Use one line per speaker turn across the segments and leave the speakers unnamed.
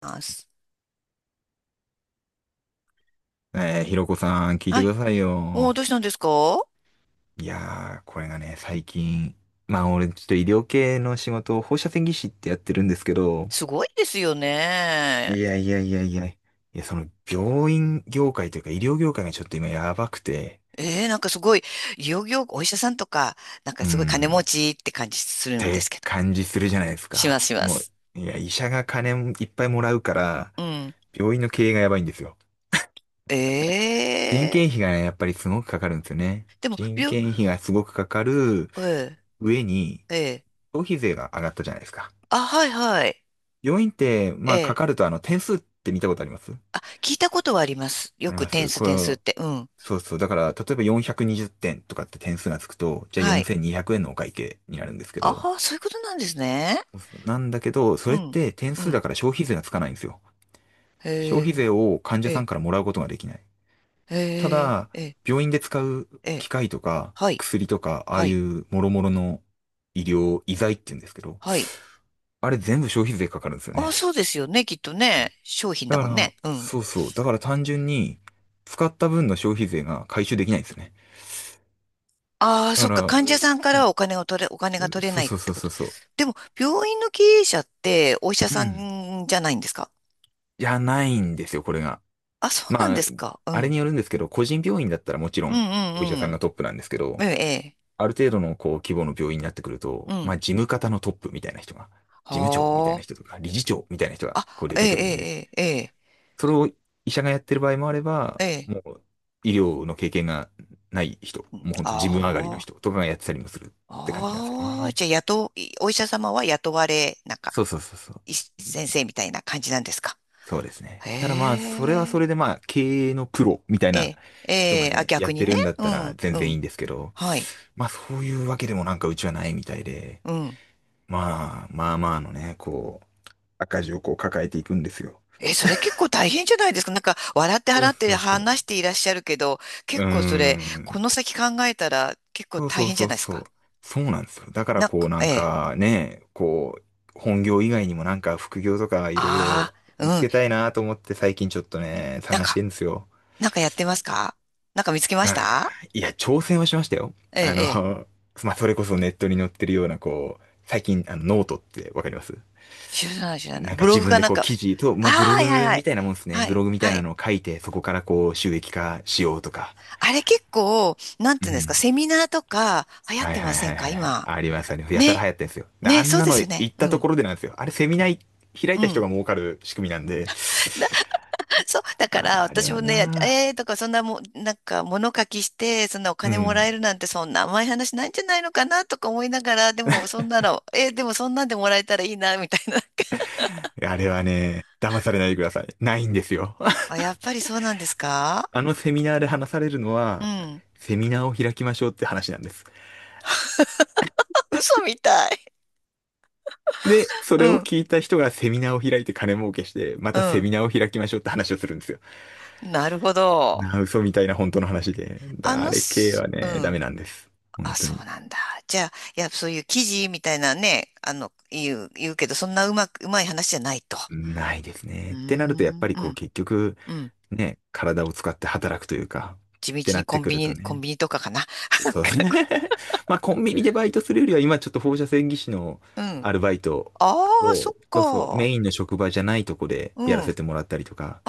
ます。
ひろこさん、聞いて
は
く
い。
ださい
おー、
よ。
どうしたんですか？
いやー、これがね、最近、まあ俺、ちょっと医療系の仕事を放射線技師ってやってるんですけど、
すごいですよね。
いやいやいやいや、いや、その病院業界というか医療業界がちょっと今やばくて、
なんかすごい、いよいよお医者さんとか、なんか
う
すごい金持
ん、
ちって感じ
っ
するんで
て
すけど。
感じするじゃないです
します、
か。
しま
もう、
す。
いや、医者が金いっぱいもらうから、
うん。
病院の経営がやばいんですよ。人件
え
費がね、やっぱりすごくかかるんですよね。
でも、
人
病、
件費がすごくかかる
え
上に、
えええ、
消費税が上がったじゃないですか。
あ、はい、はい。
病院って、まあ、か
ええ、
かると、あの、点数って見たことあります？
あ、聞いたことはあります。よ
あり
く
ま
点
す。
数、点数って。うん。
そうそう。だから、例えば420点とかって点数がつくと、じゃあ
はい。
4200円のお会計になるんですけ
あ
ど、
あ、そういうことなんですね。
そうそうなんだけど、そ
う
れっ
ん。
て点
う
数だ
ん。
から消費税がつかないんですよ。
へ
消費税を患
え、
者さん
え
からもらうことができない。
え、
た
へえ、
だ、
ええ、
病院で使う
え
機
え、
械とか、
はい、
薬とか、ああ
は
い
い、
う諸々の医療、医材って言うんですけど、
はい。
あれ全部消費税かかるんですよ
あ、
ね。
そうですよね、きっとね。商品だ
だか
もん
ら、
ね。うん。
そうそう。だから単純に、使った分の消費税が回収できないんですね。
ああ、
だ
そ
か
っか。
ら、
患者さんからはお金を取れ、お金が取れ
そ
な
う
いっ
そう
て
そう
こ
そ
と。
うそ
でも、病院の経営者ってお医者
う。う
さ
ん。
んじゃないんですか？
じゃないんですよ、これが。
あ、そうなん
ま
で
あ、
すか。う
あれ
ん。
によるんですけど、個人病院だったらもちろ
うん
ん、お医者
うんう
さん
ん。
がトップなんですけ
え
ど、
え、
ある程度のこう規模の病院になってくる
ええ。
と、
う
まあ
ん。
事務方のトップみたいな人が、事務長みたい
は
な人とか、理事長みたいな人
あ。
がこう出
あ、ええ、
てくるんで、
ええ、ええ、
それを医者がやってる場合もあれば、
ええ。ええ、
もう医療の経験がない人、もう本当自分上がりの
あ
人とかがやってたりもするって感じなんですよ
あ。ああ。
ね。
じゃあ、雇う、お医者様は雇われ、なんか、
そうそうそうそ
い
う。
先生みたいな感じなんですか？
そうです
へ
ね。ただまあ、それはそ
え。
れでまあ、経営のプロみたい
え
な
え、え
人が
え、あ、
ね、や
逆
っ
に
て
ね。
るんだっ
う
たら
ん、
全
う
然いい
ん。
んですけど、
はい。
まあそういうわけでもなんかうちはないみたいで、
うん。
まあまあまあのね、こう、赤字をこう抱えていくんですよ。
え、それ結構大変じゃないですか。なんか、笑って
そ
払
う
っ
そ
て
うそう。
話していらっしゃるけど、
う
結
ー
構それ、こ
ん。
の先考えたら結構
そう
大
そう
変じ
そ
ゃ
う
ないです
そう。
か。
そうなんですよ。だから
なん
こう
か、
な
え
ん
え。
かね、こう、本業以外にもなんか副業とかいろい
あ
ろ
あ、
見つ
うん。
けたいなと思って最近ちょっとね、
なん
探し
か、
てんですよ。
なんかやってますか？なんか見つけまし
あ
た？
いや、挑戦はしましたよ。
ええ、
あ
ええ。
の、まあ、それこそネットに載ってるようなこう、最近あのノートってわかります？
知らない、知らない。
なんか
ブロ
自
グ
分
か
で
なん
こう
か。
記事と、
あ
まあ、ブロ
あ、はいはい
グ
は
み
い。
たいなもんですね。
は
ブ
い、
ログみたい
は
な
い。
のを書いて、そこからこう収益化しようとか。
あれ結構、なん
う
ていうんですか、
ん。
セミナーとか流行っ
はい
てま
はい
せ
は
ん
いはい
か
はい。
今？
ありましたね。やたら
ね。
流行ってんですよ。あ
ね、
ん
そう
な
で
の
すよ
行
ね。
っ
う
たと
ん。
ころでなんですよ。あれ、セミナー開
う
いた人
ん。
が儲かる仕組みなんで。
そう、だから
あ、あれ
私
は
もね、
な。
えーとかそんなもん、なんか物書きして、そんなお
う
金もら
ん。
えるなんてそんな甘い話ないんじゃないのかなとか思いながら、でもそんなの、でもそんなんでもらえたらいいな、みたいな。
あれはね、騙されないでください。ないんですよ。
あ、やっぱりそうなんですか？
あのセミナーで話されるの
う
は、
ん。
セミナーを開きましょうって話なんです。
嘘みたい。
で、それ
う
を
ん、
聞いた人がセミナーを開いて金儲けして、ま
う
たセ
ん。
ミナーを開きましょうって話をするんですよ。
なるほど。
なあ、嘘みたいな本当の話で。
あ
だあ
の
れ系
す、
は
う
ね、ダ
ん。
メなんです。本
あ、
当
そう
に。
なんだ。じゃあ、いや、そういう記事みたいなね、あの、言うけど、そんなうまく、うまい話じゃないと。
ないです
う
ね。
ー
ってなると、やっぱ
ん、
り
う
こう
ん、
結局、
うん。
ね、体を使って働くというか、
地
って
道
な
に
っ
コ
て
ン
く
ビ
ると
ニ、コン
ね。
ビニとかかな。なん
そう
か
ですね。
こ
まあコンビニでバイトするよりは、今ちょっと放射線技師の
う、うん。
アルバイト
ああ、
を、
そっ
そうそう、
か。
メインの職場じゃないとこで
う
やら
ん。
せてもらったりとか、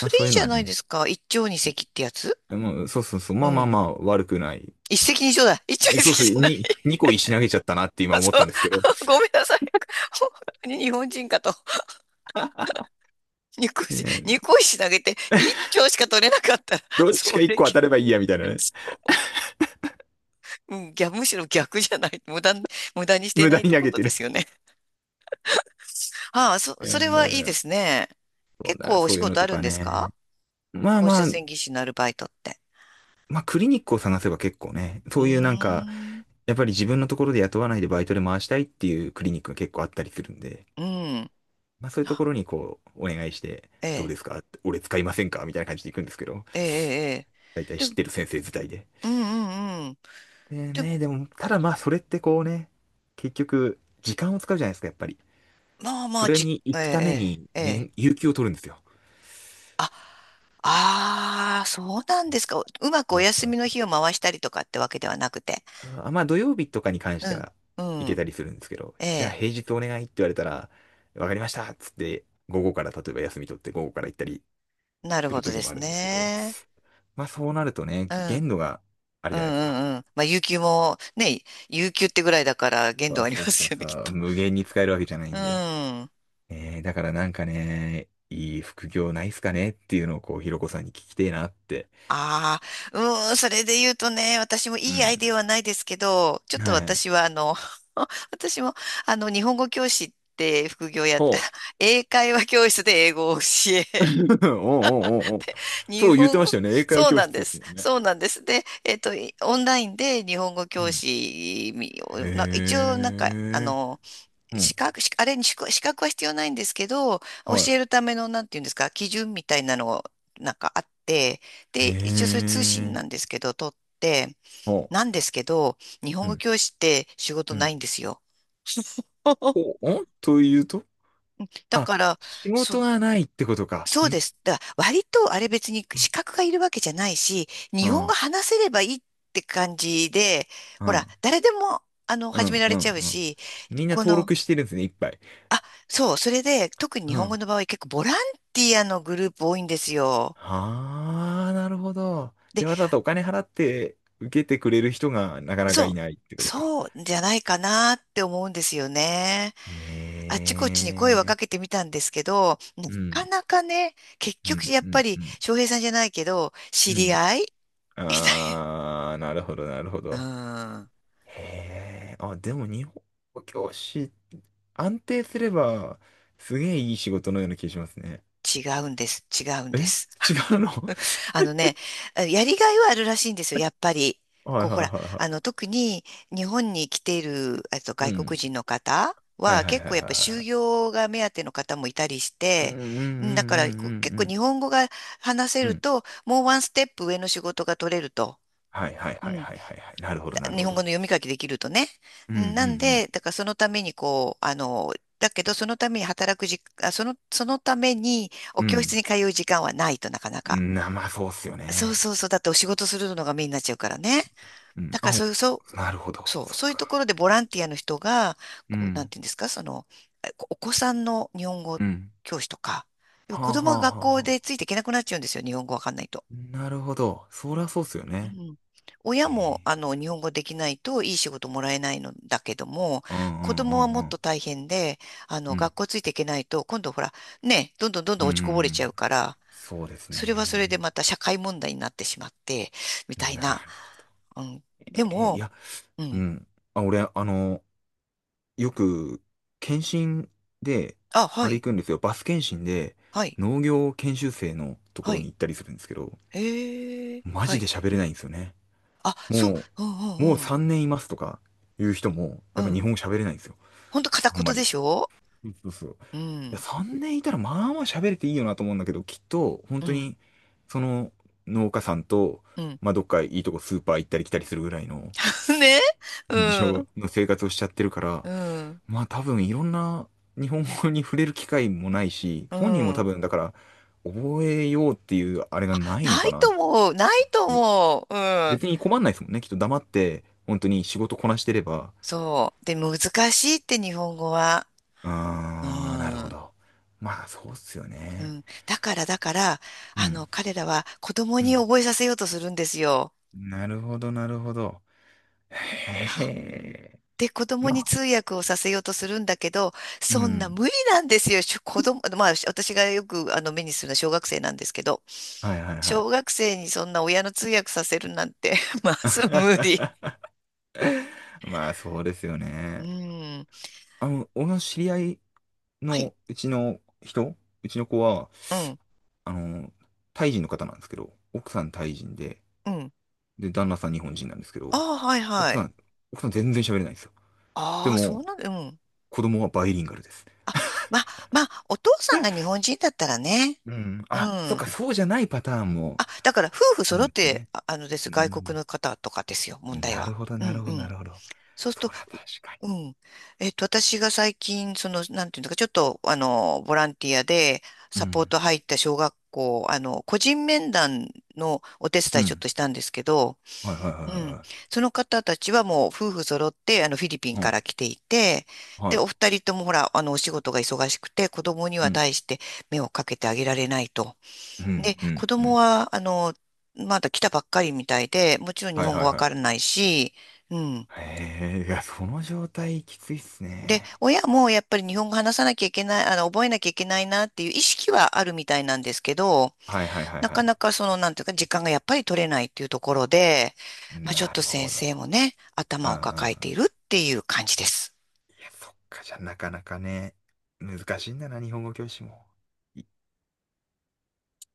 まあ
れい
そう
い
いう
じ
の
ゃ
は
ない
ね、
ですか。一丁二石ってやつ？
もうそうそうそう、
う
まあまあ
ん。
まあ悪くない。
一石二鳥だ。一丁二
そう
石
そう、
じゃない。
2個石投げちゃったなって今
あ、そ
思った
う。
んですけど、
ごめんなさい。本当に日本人かと。二個 石、
ね、
二個石投げて一丁しか取れなかったら、
どっち
そ
か1
れ、
個当たればいいやみたいなね。
うん、逆、むしろ逆じゃない。無駄、無駄にして
無
な
駄
いっ
に
て
投
こ
げ
と
て
で
る。
すよね。ああ、そ、
え
それはいいで
ー
すね。
そう
結
だ、
構お
そ
仕
ういうの
事あ
と
るん
か
です
ね。
か？
まあ
放
ま
射
あ、
線技師のアルバイトって。
まあクリニックを探せば結構ね、
う
そ
ー
ういうなんか、
ん。
やっぱり自分のところで雇わないでバイトで回したいっていうクリニックが結構あったりするんで、
うん。
まあそういうとこ
あ、
ろにこう、お願いして、
え
どう
え、
ですか俺使いませんかみたいな感じで行くんですけど、
ええ、ええ。え
大
え、
体
で
知っ
も、
てる先生自体で。
うんうんうん。
で
で、
ね、でも、ただまあそれってこうね、結局、時間を使うじゃないですか、やっぱり。
まあま
そ
あ、
れ
じ、
に行
ええ、
くために、
ええ、ええ。
年、有給を取るんですよ。
あ、ああ、そうなんですか。うまくお休みの日を回したりとかってわけではなくて。
まあ土曜日とかに関し
う
て
ん、
は行
う
け
ん。
たりするんですけど、
え
じゃあ
え、
平日お願いって言われたら、わかりましたっつって、午後から例えば休み取って午後から行ったり
なる
す
ほ
る
ど
時
で
もあ
す
るんですけど、
ね。
まあそうなるとね、
うん、うん、
限度がある
う
じゃないですか。
ん、うん。まあ、有給もね、有給ってぐらいだから限
そ
度
う
ありま
そうそ
す
う
よね、
そ
きっ
う、
と。
無限に使えるわけじゃない
う
んで。
ん。
だからなんかね、いい副業ないっすかねっていうのをこう、ひろこさんに聞きてえなって。
ああ、うーん、それで言うとね、私も
う
いいアイデ
ん。
アはないですけど、ちょっと
はい。
私はあの、私もあの、日本語教師って副業やっ
ほ
て、英会話教室で英語を教
う。
え、
おうおうおうおう。
日
そう言って
本
まし
語、
たよね。英会話
そう
教
なん
室
で
です
す。
もんね。
そうなんです。で、いオンラインで日本語
う
教
ん。
師みを、なんか一
へ
応なんか、あ
え。
の、
うん。
資格、しあれに資格は必要ないんですけど、教
は
えるための、なんていうんですか、基準みたいなのを、なんかあって、
い。
で、一応
へ
そういう通信
え。
なんですけど、取って、
ほ
なんですけど、日
う。
本語
ん。
教師って仕事
う
な
ん。
いんですよ。
う ん。お、というと、
だ
あ、
から、
仕
そ、
事がないってことか。
そうで
ん。
す。だから割とあれ別に資格がいるわけじゃないし、
う
日本語
ん。
話せればいいって感じで、
う
ほら、
ん。
誰でも、あの、
う
始め
ん。
ら
う
れちゃ
ん。
う
うん。
し、
みんな
こ
登
の、
録してるんですね、いっぱい。
あ、そう、それで、特に日
う
本語
ん。
の場合結構ボランティアのグループ多いんですよ。
ああ、なるほど。
で、
じゃあわざわざお金払って受けてくれる人がなかなかい
そ
ないって
う、
ことか。
そうじゃないかなって思うんですよね。あっちこっちに声はか
ええ。
けてみたんですけど、な
うん。
かなかね、結
う
局
ん。
やっ
う
ぱ
ん。う
り
ん。
翔平さんじゃないけど、知
う
り
ん。
合い みたい
ああ、なるほど、なるほど。
な。うーん、
へえ、あ、でも日本語教師、安定すれば、すげえいい仕事のような気がしますね。
違うんです、違うん
え、
です。
違うの？
あのね、やりがいはあるらしいんですよ、やっぱり。
は
こ
い
う、
は
ほ
いはい
ら、
は
あの、特に日本に来ている、
い。う
外国
ん。
人の方
はい
は、
はいは
結構
いは
やっ
い
ぱ就
はい。
業が目当ての方もいたりし
うんうん
て、
うんうん
うん、だからこう結
う
構
ん
日本語が話せ
うん。う
る
ん。
と、もうワンステップ上の仕事が取れると。
はいはい
う
はい
ん、
はいはいはい。なるほど
だ
なる
日
ほ
本
ど。
語の読み書きできるとね。
うん
う
う
ん、なん
ん
で、だからそのためにこう、あの、だけどそのために働くじ、あ、その、そのためにお
う
教室
ん。
に通う時間はないとなかな
う
か。
ん。な、まあそうっすよ
そう
ね。
そうそう。だってお仕事するのがメインになっちゃうからね。
うん。
だからそういう、そ
なるほど。
う、そう、
そっ
そういう
か。
ところでボランティアの人が、
う
こう、なん
ん。
ていうんですか、その、えこお子さんの日本語
うん。
教師とか、要は
は
子
あ
供
は
が
あは
学校
あは
でついていけなくなっちゃうんですよ、日本語わかんないと。
あ。なるほど。そりゃそうっすよ
う
ね。
ん。親
へ
も、
え。
あの、日本語できないといい仕事もらえないのだけども、
うんう
子
ん
供は
う
も
ん
っ
うん。
と大変で、あ
う
の、
ん。
学校ついていけないと、今度ほら、ね、どんどんどんど
う
ん落ちこぼれちゃ
ん。
うから、
そうです
それはそれで
ね。
また社会問題になってしまって、みたい
な
な。
るほど。
うん。で
え、い
も、
や、
う
う
ん。
ん。あ、俺、あの、よく、検診で、
あ、は
あれ
い、
行くんですよ。バス検診で、
はい、
農業研修生のとこ
は
ろに
い。
行ったりするんですけど、
ええ、
マ
は
ジ
い。
で喋れないんですよね。
あ、そう、
も
う
もう
んうん
3年いますとか、いう人も、
う
やっ
ん。う
ぱ日
ん。
本語喋れないんですよ。
ほんと片
あんま
言で
り。
しょ？
そうそうそう。
う
や、
ん、
3年いたらまあまあ喋れていいよなと思うんだけど、きっと、本
う
当
ん、
に、その農家さんと、
うん。
まあ、どっかいいとこスーパー行ったり来たりするぐらいの、
ね、う
うん、事情
ん、
の生活をしちゃってるから、
うん、
まあ多分いろんな日本語に触れる機会もないし、
う
本人も多
ん。
分だから覚えようっていうあれがないの
な
か
い
な。
と思う、ないと思う。うん。
別に困んないですもんね。きっと黙って本当に仕事こなしてれば。
そう。で、難しいって日本語は。う
あー、なるほ
ん。
ど。まあそうっすよ
う
ね。
ん。だから、
う
あの、
ん。
彼らは子供
う
に
ん。
覚えさせようとするんですよ。
なるほど、なるほど。へ え。
で、子供
ま
に
あ、
通訳をさせようとするんだけど、
う
そんな
ん。
無理なんですよ。しょ子供、まあ、し私がよくあの目にするのは小学生なんですけど、
はいはいは
小
い。
学生にそんな親の通訳させるなんて まず無理。
まあ、そうですよ
う
ね。
ん。
あの、俺の知り合い
はい。
のうちの人、うちの子は、
うん。
あの、タイ人の方なんですけど、奥さんタイ人で、
うん。
で、旦那さん日本人なんですけ
あ
ど、
あ、はい
奥
は
さ
い。
ん、奥さん全然喋れないんですよ。で
ああ、そ
も、
うなんだ。うん。
子供はバイリンガルです。
あ、まあ、まあ、お父さんが日本人だったらね。
うん。
う
あ、そっ
ん。
か、そうじゃないパターンも
あ、だから夫婦
ある
揃
ん
っ
です
て、
ね。
ああのです、
う
外国
ん。
の方とかですよ、問題
なる
は。
ほど、
う
なる
ん
ほ
う
ど、
ん。
なるほど。
そうすると、
そら、確かに。
うん。私が最近、その、なんていうのか、ちょっと、あの、ボランティアで
う
サポー
ん。
ト入った小学校、あの、個人面談のお手
う
伝いちょっ
ん。
としたんですけど、
はいはいはい
うん。
は
その方たちはもう夫婦揃って、あの、フィリピ
い
ン
はい。う
か
ん。
ら来ていて、で、
は
お二人ともほら、あの、お仕事が忙しくて、子供に
い。う
は
ん。
対して目をかけてあげられないと。
うん、
で、
う
子
ん、う
供
ん。
は、あの、まだ来たばっかりみたいで、もちろん日
はい
本語
はい
わ
は
から
い。
ないし、うん。
へえ、いや、その状態きついっす
で、
ね。
親もやっぱり日本語話さなきゃいけない、あの、覚えなきゃいけないなっていう意識はあるみたいなんですけど、
はいはいはい
な
は
か
い。
なかその、なんていうか、時間がやっぱり取れないっていうところで、まあ、ちょっ
な
と
る
先
ほど。
生もね、
うんう
頭を
んう
抱えて
ん。
いるっていう感じです。
いや、そっか、じゃあなかなかね、難しいんだな、日本語教師も。